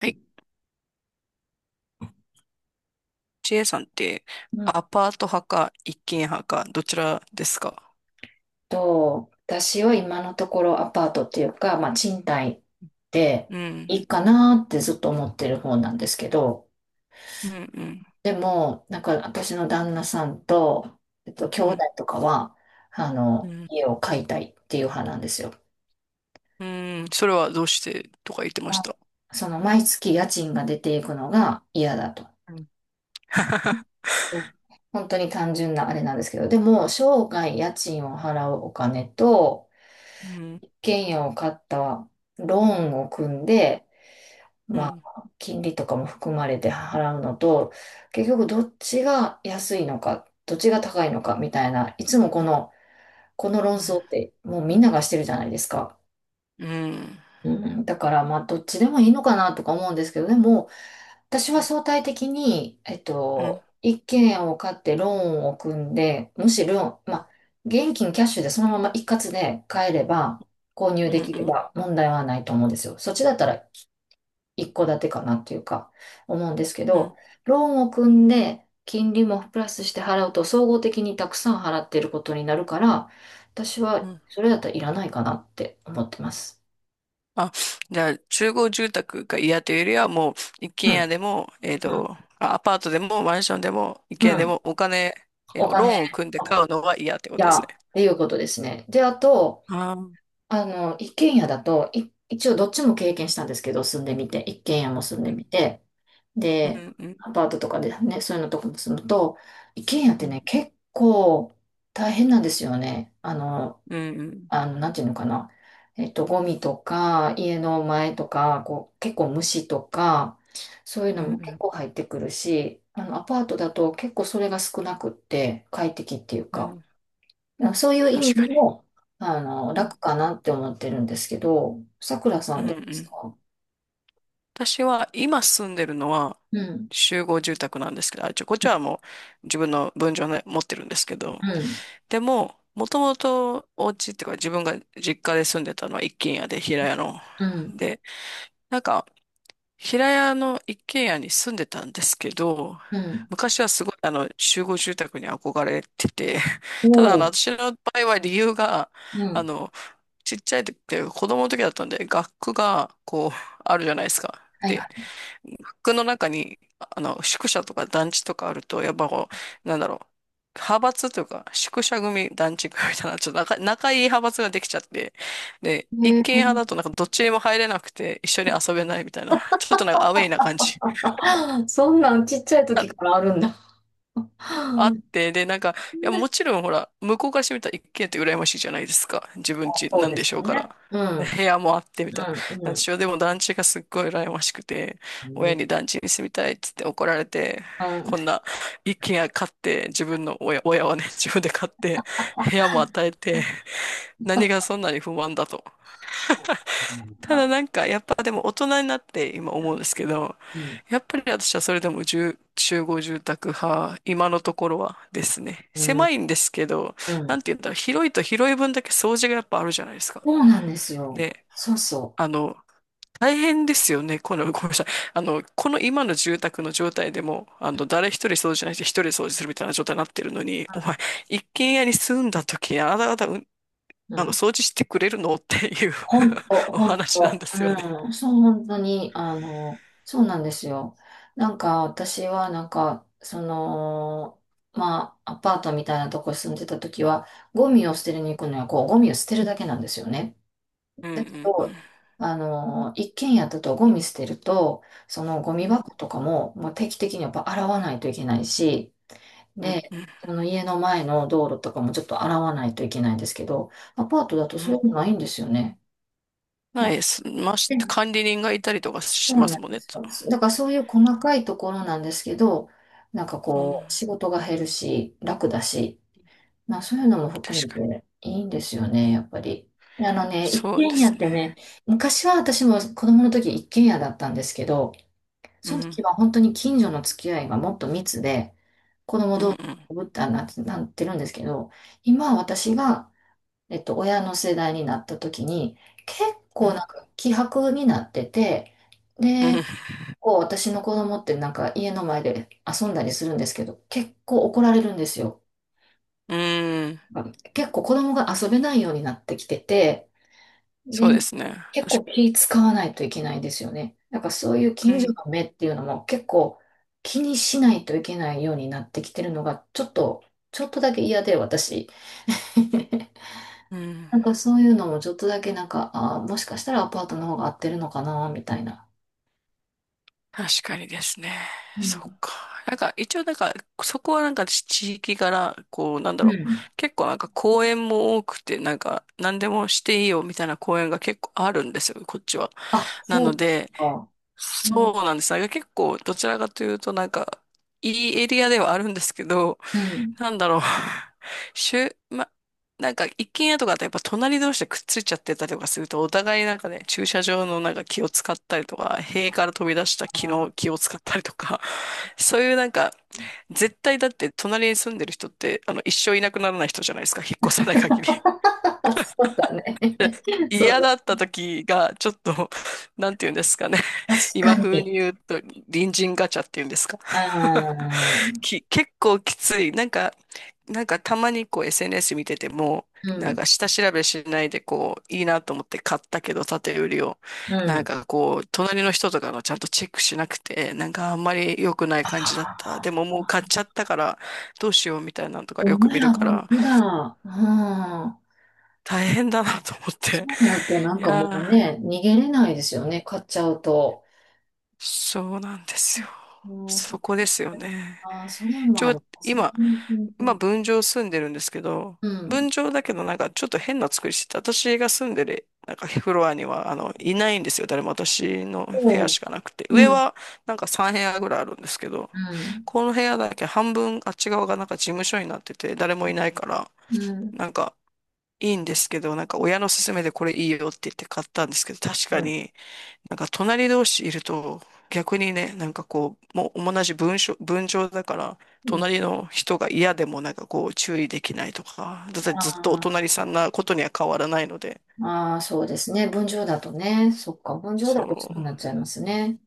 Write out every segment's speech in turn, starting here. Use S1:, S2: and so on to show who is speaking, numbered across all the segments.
S1: はい、ジェイさんって
S2: うん
S1: アパート派か一軒派かどちらですか？
S2: 私は今のところアパートっていうか、まあ、賃貸で
S1: うん、
S2: いいかなってずっと思ってる方なんですけど、
S1: うん、うん、
S2: でも、なんか私の旦那さんと、兄
S1: う
S2: 弟
S1: ん、
S2: とかは、
S1: うん、
S2: 家を買いたいっていう派なんですよ。
S1: うん、それはどうしてとか言ってまし
S2: あ
S1: た。
S2: その毎月家賃が出ていくのが嫌だと。
S1: うん、
S2: うん。本当に単純なあれなんですけど、でも、生涯家賃を払うお金と、
S1: うん、
S2: 一軒家を買ったローンを組んで、
S1: う
S2: ま
S1: ん、
S2: あ、金利とかも含まれて払うのと、結局どっちが安いのか、どっちが高いのかみたいな、いつもこの、この論
S1: うん、
S2: 争ってもうみんながしてるじゃないですか。
S1: うん、
S2: うん、だからまあどっちでもいいのかなとか思うんですけど、でも私は相対的に、
S1: うん、
S2: 一軒家を買ってローンを組んで、むしろ、まあ、現金キャッシュでそのまま一括で買えれば、購入
S1: う
S2: できれ
S1: ん、
S2: ば問題はないと思うんですよ。そっちだったら一戸建てかなっていうか、思うんですけ
S1: うん、
S2: ど、ローンを組んで、金利もプラスして払うと、総合的にたくさん払っていることになるから、私
S1: う
S2: は
S1: ん。
S2: それだったらいらないかなって思ってます。
S1: あ、じゃあ、集合住宅が嫌というよりは、もう一
S2: う
S1: 軒家
S2: ん、
S1: でも、あアパートでもマンションでも一
S2: う
S1: 軒家で
S2: ん。
S1: もお金、
S2: お金、
S1: ロー
S2: い
S1: ンを組んで買うのは嫌ってことで
S2: や、
S1: すね。
S2: っていうことですね。で、あと、
S1: ああ、うん、
S2: 一軒家だと、一応どっちも経験したんですけど、住んでみて、一軒家も住ん
S1: う
S2: でみ
S1: ん、
S2: て、
S1: う
S2: で、
S1: ん、
S2: アパートとかでね、そういうのとかも住むと、一軒家って
S1: うん、
S2: ね、結構大変なんですよね。
S1: うん。
S2: なんていうのかな。ゴミとか、家の前とか、こう、結構虫とか、そういう
S1: う
S2: のも結
S1: ん
S2: 構入ってくるし、アパートだと結構それが少なくって、快適っていう
S1: うんう
S2: か、
S1: ん。
S2: そういう意味
S1: 確
S2: で
S1: か
S2: も、
S1: に。う
S2: 楽
S1: ん。
S2: かなって思ってるんですけど、さくらさ
S1: う
S2: ん
S1: んう
S2: どうです
S1: ん。
S2: か？
S1: 私は今住んでるのは
S2: うん。
S1: 集合住宅なんですけど、あ、ちょ、こっ
S2: う
S1: ちは
S2: ん。
S1: もう自分の分譲の持ってるんですけど、
S2: うん。
S1: でも、もともとお家っていうか自分が実家で住んでたのは一軒家で平屋の。
S2: うん。
S1: で、なんか平屋の一軒家に住んでたんですけど、
S2: うん。
S1: 昔はすごいあの集合住宅に憧れてて、
S2: お
S1: ただあの
S2: お、
S1: 私の場合は理由が、
S2: う
S1: あ
S2: ん。
S1: の、ちっちゃい時って子供の時だったんで、学区がこう、あるじゃないですか。
S2: はい
S1: で、
S2: は
S1: 学区の中に、あの、宿舎とか団地とかあると、やっぱこう、なんだろう、派閥というか、宿舎組、団地組みたいな、ちょっと仲いい派閥ができちゃって、で、
S2: い。
S1: 一
S2: へえ。
S1: 軒派だとなんかどっちにも入れなくて、一緒に遊べないみたいな、ちょっとなんかアウェイな感じ。
S2: そんなんちっちゃい時からあるんだ。
S1: あっ て、で、なんか、いや、もちろんほら、向こうからしてみたら一軒家って羨ましいじゃないですか。自分家
S2: そう
S1: なん
S2: で
S1: で
S2: す
S1: し
S2: よ
S1: ょうか
S2: ね。
S1: ら。
S2: う
S1: で
S2: ん。
S1: 部屋もあってみ
S2: う
S1: たいな。
S2: ん。
S1: な
S2: う
S1: んで
S2: ん。
S1: しょう。でも団地がすっごい羨ましくて、親に団地に住みたいっつって怒られて、
S2: うん。うん。
S1: こんな一軒家買って、自分の親はね、自分で買って、部屋も与えて、何がそんなに不満だと。
S2: そうか
S1: ただ
S2: な。
S1: なんか、やっぱでも大人になって今思うんですけど、
S2: うん。
S1: やっぱり私はそれでも住集合住宅派、今のところはですね。
S2: う
S1: 狭
S2: ん。
S1: いんですけど、
S2: う
S1: なん
S2: ん。
S1: て言ったら広いと広い分だけ掃除がやっぱあるじゃないですか。
S2: そうなんですよ。
S1: で、
S2: そうそ
S1: あの、大変ですよね。この、ごめんなさい。あの、この今の住宅の状態でも、あの、誰一人掃除しないし、一人掃除するみたいな状態になってるのに、お前、一軒家に住んだ時にあなた方、うん、
S2: う。うん。
S1: あ
S2: う
S1: の、
S2: ん。
S1: 掃除してくれるのっていう
S2: ほんと、
S1: お
S2: ほん
S1: 話なんで
S2: と。
S1: すよね。
S2: うん。そう、本当に、あの、そうなんですよ。なんか、私は、なんか、その、まあ、アパートみたいなとこに住んでた時は、ゴミを捨てるに行くのは、こう、ゴミを捨てるだけなんですよね。
S1: うんう
S2: だけ
S1: んう
S2: ど、
S1: ん。
S2: あの、一軒家だとゴミ捨てると、そのゴミ
S1: うん、
S2: 箱とかも、もう定期的にやっぱ洗わないといけないし、
S1: うん、
S2: で、
S1: うん。
S2: その家の前の道路とかもちょっと洗わないといけないんですけど、アパートだと
S1: う
S2: そうい
S1: ん、
S2: うのないんですよね。な
S1: ない
S2: んか、
S1: です。まし、
S2: うん、
S1: 管理人がいたりとか
S2: そう
S1: しま
S2: な
S1: す
S2: ん
S1: もん
S2: で
S1: ね。
S2: すよ。だからそういう細かいところなんですけど、なんか
S1: うん、
S2: こう、仕事が減るし、楽だし、まあそういうのも含め
S1: 確かに。
S2: ていいんですよね、やっぱり。あのね、一
S1: そうで
S2: 軒家
S1: す
S2: っ
S1: ね。
S2: てね、昔は私も子供の時一軒家だったんですけど、
S1: う
S2: その
S1: ん、
S2: 時は本当に近所の付き合いがもっと密で、
S1: うん、うん、
S2: ぶったな、なんてるんですけど、今私が、親の世代になった時に、結
S1: う
S2: 構な
S1: ん、
S2: んか希薄になってて、
S1: う
S2: こう私の子供ってなんか家の前で遊んだりするんですけど、結構怒られるんですよ。
S1: ん、うん、
S2: 結構子供が遊べないようになってきてて、
S1: そ
S2: で、
S1: うですね。
S2: 結
S1: 確
S2: 構気使わないといけないんですよね。なんかそういう
S1: か
S2: 近所
S1: に。
S2: の目っていうのも結構気にしないといけないようになってきてるのがちょっと、ちょっとだけ嫌で私。
S1: うん、うん、
S2: なんかそういうのもちょっとだけなんか、あー、もしかしたらアパートの方が合ってるのかなみたいな。
S1: 確かにですね。
S2: う
S1: そっ
S2: ん。
S1: か。なんか、一応なんか、そこはなんか地域柄、こう、なんだ
S2: う
S1: ろう。
S2: ん。
S1: 結構なんか公園も多くて、なんか、何でもしていいよみたいな公園が結構あるんですよ、こっちは。
S2: あ、
S1: な
S2: そ
S1: の
S2: うです
S1: で、
S2: か。うん。
S1: そうなんです。なんか結構、どちらかというと、なんか、いいエリアではあるんですけど、
S2: うん。
S1: なんだろう。しゅ、ま、なんか、一軒家とかってやっぱ隣同士でくっついちゃってたりとかすると、お互いなんかね、駐車場のなんか気を使ったりとか、塀から飛び出した
S2: あ
S1: 木の
S2: ー、
S1: 気を使ったりとか、
S2: そ
S1: そ
S2: う。
S1: ういうなんか、絶対だって隣に住んでる人って、あの、一生いなくならない人じゃないですか、引っ越さない限り。
S2: そうだね。そ
S1: 嫌
S2: う
S1: だった時が、ちょっと、なんて言うんですかね。
S2: だ。確か
S1: 今風に
S2: に。
S1: 言うと、隣人ガチャって言うんですか。
S2: あ ー、
S1: き、結構きつい。なんか、なんかたまにこう SNS 見てても、
S2: う
S1: なん
S2: ん。
S1: か下調べしないでこう、いいなと思って買ったけど、縦売りを。
S2: う
S1: なん
S2: ん。
S1: かこう、隣の人とかがちゃんとチェックしなくて、なんかあんまり良くない感じだった。でももう買っちゃったから、どうしようみたいなのとか
S2: お
S1: よく
S2: 前
S1: 見る
S2: ら
S1: か
S2: 本
S1: ら、
S2: 当だ。うん。
S1: 大変だなと思っ
S2: そ
S1: て。
S2: うなるとな ん
S1: い
S2: かもう
S1: やー。
S2: ね、逃げれないですよね、買っちゃうと。
S1: そうなんですよ。
S2: うん、
S1: そこですよね。
S2: あー、それも
S1: ち
S2: あ
S1: ょ、
S2: りますね。
S1: 今、
S2: うん。うん。
S1: 分譲住んでるんですけど、
S2: うん、
S1: 分譲だけどなんかちょっと変な作りしてて、私が住んでる、なんかフロアには、あの、いないんですよ。誰も私の部屋
S2: おう。
S1: しかなくて。上
S2: うん。
S1: はなんか3部屋ぐらいあるんですけど、
S2: うん。
S1: この部屋だけ半分あっち側がなんか事務所になってて、誰もいないから、
S2: うん。
S1: なんかいいんですけど、なんか親の勧めでこれいいよって言って買ったんですけど、確
S2: う
S1: か
S2: ん。
S1: になんか隣同士いると逆にね、なんかこう、もう同じ文章だから、
S2: うん、
S1: 隣の人が嫌でもなんかこう注意できないとか、だっ
S2: あ
S1: てずっとお
S2: ー、
S1: 隣さんなことには変わらないので、
S2: あー、そうですね。分譲だとね。そっか。分譲
S1: そ
S2: だとそう
S1: う、
S2: なっちゃいますね。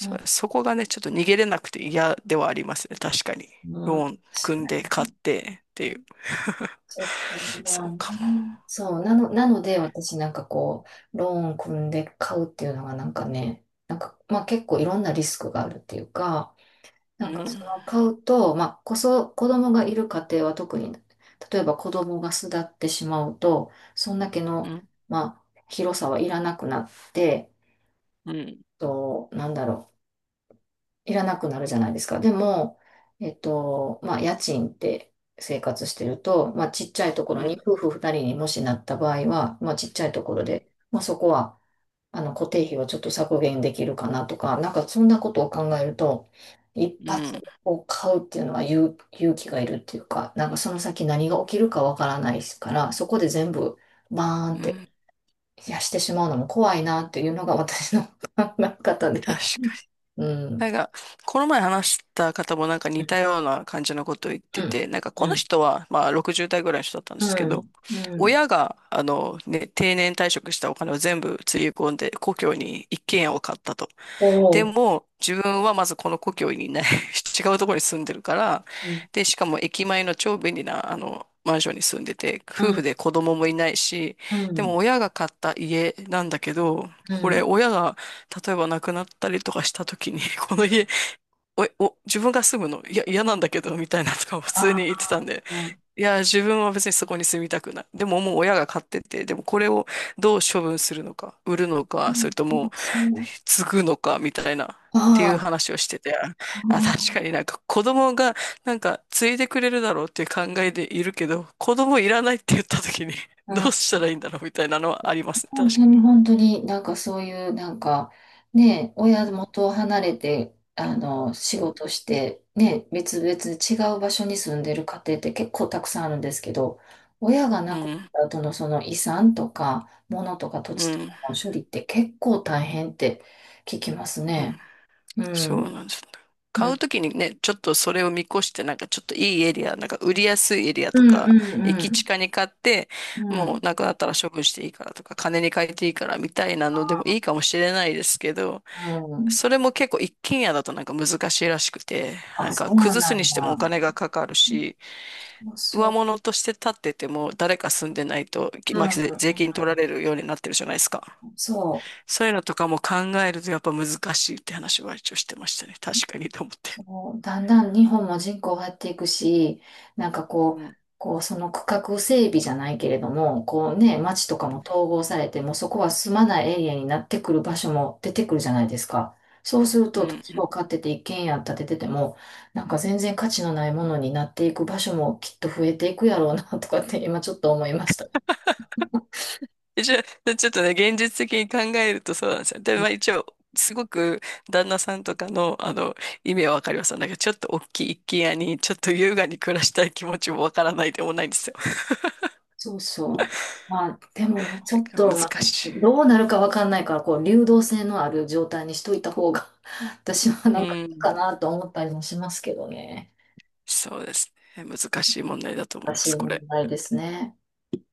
S2: うん。
S1: そこがね、ちょっと逃げれなくて嫌ではありますね、確かに。
S2: うん。確
S1: ローン組んで
S2: か
S1: 買っ
S2: に。
S1: てっていう。
S2: そう、
S1: そ
S2: まあ
S1: う
S2: ね。
S1: かも。
S2: そう、なので私なんかこう、ローン組んで買うっていうのがなんかね、なんか、まあ結構いろんなリスクがあるっていうか、
S1: う
S2: なんかそ
S1: ん、
S2: の買うと、まあ子供がいる家庭は特に、例えば子供が巣立ってしまうと、そんだけ
S1: う
S2: の、
S1: ん、
S2: まあ広さはいらなくなって、
S1: うん、
S2: と、なんだろう。いらなくなるじゃないですか。でも、まあ、家賃って生活してると、まあ、ちっちゃいところ
S1: うん、
S2: に、夫婦二人にもしなった場合は、まあ、ちっちゃいところ
S1: うん、
S2: で、まあ、そこは、固定費をちょっと削減できるかなとか、なんかそんなことを考えると、一
S1: う
S2: 発
S1: ん、
S2: でこう買うっていうのは勇気がいるっていうか、なんかその先何が起きるかわからないから、そこで全部バーンっ
S1: う
S2: て
S1: ん、
S2: いやしてしまうのも怖いなっていうのが私の 考え方で。
S1: 確、
S2: う
S1: な
S2: ん。
S1: んか、この前話した方もなんか
S2: う
S1: 似たような感じのことを言ってて、
S2: ん。
S1: なんか
S2: う
S1: この
S2: ん。
S1: 人は、まあ60代ぐらいの人だったんで
S2: う
S1: すけど、
S2: ん、うん。
S1: 親が、あのね、定年退職したお金を全部つぎ込んで、故郷に一軒家を買ったと。
S2: お
S1: で
S2: お、
S1: も、自分はまずこの故郷にいない。 違うところに住んでるから、
S2: うん、
S1: で、しかも駅前の超便利な、あの、マンションに住んでて、
S2: う
S1: 夫婦
S2: ん、
S1: で子供もいないし、
S2: う
S1: でも
S2: ん、
S1: 親が買った家なんだけど、
S2: う
S1: これ
S2: ん。
S1: 親が例えば亡くなったりとかした時に、こ
S2: う
S1: の家、
S2: ん、
S1: お、お、自分が住むの、いや、嫌なんだけど、みたいなとかを普通
S2: あ
S1: に言ってたんで、
S2: あ、う
S1: いや、自分は別にそこに住みたくない。でももう親が買ってて、でもこれをどう処分するのか、売るのか、そ
S2: ん、
S1: れとも
S2: そう。
S1: 継ぐのか、みたいな、
S2: あ
S1: っていう
S2: あ、
S1: 話をしてて、あ、確かになんか子供がなんか継いでくれるだろうっていう考えでいるけど、子供いらないって言った時に
S2: う
S1: ど
S2: ん。
S1: うしたらいいんだろうみたいなのはありますね。確
S2: 本当に
S1: か
S2: 本当になんかそういう、なんか、ね、親
S1: に。
S2: 元を離れて、仕事して、ね、別々違う場所に住んでる家庭って結構たくさんあるんですけど、親が
S1: う
S2: 亡く
S1: ん。
S2: なった後のその遺産とか、物とか土
S1: う
S2: 地と
S1: ん。
S2: かの処理って結構大変って聞きます
S1: うん。
S2: ね。う
S1: そう
S2: ん。
S1: なんですよ。
S2: う
S1: 買う
S2: ん。
S1: ときにね、ちょっとそれを見越して、なんかちょっといいエリア、なんか売りやすいエリア
S2: う
S1: と
S2: ん。
S1: か、
S2: う
S1: 駅
S2: ん。
S1: 近に買って、
S2: うん。う
S1: も
S2: ん。
S1: うなくなったら処分していいからとか、金に換えていいからみたいなのでもいいかもしれないですけど、
S2: うん。
S1: それも結構一軒家だとなんか難しいらしくて、な
S2: あ、
S1: ん
S2: そ
S1: か
S2: うなん
S1: 崩すにしてもお
S2: だ。
S1: 金がかかるし、
S2: そうそ
S1: 上
S2: う。
S1: 物として建ってても誰か住んでないと、き
S2: うん。
S1: ま
S2: う
S1: あ、
S2: ん。
S1: 税金取られるようになってるじゃないですか。
S2: そう。
S1: そういうのとかも考えるとやっぱ難しいって話は一応してましたね。確かにと思って。
S2: そう。だんだん日本も人口減っていくし、なんかこ
S1: う
S2: う、
S1: ん。
S2: こうその区画整備じゃないけれども、こうね、町とか
S1: う
S2: も統合されて、もうそこは住まないエリアになってくる場所も出てくるじゃないですか。そうする
S1: ん。
S2: と、土
S1: う
S2: 地を
S1: ん、
S2: 買ってて一軒家建ててても、なんか全然価値のないものになっていく場所もきっと増えていくやろうなとかって今ちょっと思いました。
S1: 一応、ちょっとね、現実的に考えるとそうなんですよ。で、まあ一応、すごく旦那さんとかの、あの、意味はわかります。だけど、ちょっと大きい一軒家に、ちょっと優雅に暮らしたい気持ちもわからないでもないんですよ。
S2: そうそう。まあ、でも、ちょ
S1: だ
S2: っ
S1: から
S2: と、
S1: 難
S2: まあ、
S1: し
S2: どうなるかわかんないから、こう、流動性のある状態にしといた方が、私は
S1: い。う
S2: なんかいいか
S1: ん。
S2: なと思ったりもしますけどね。
S1: そうですね。難しい問題だと思い
S2: 難
S1: ま
S2: し
S1: す、
S2: い
S1: こ
S2: 問
S1: れ。
S2: 題ですね。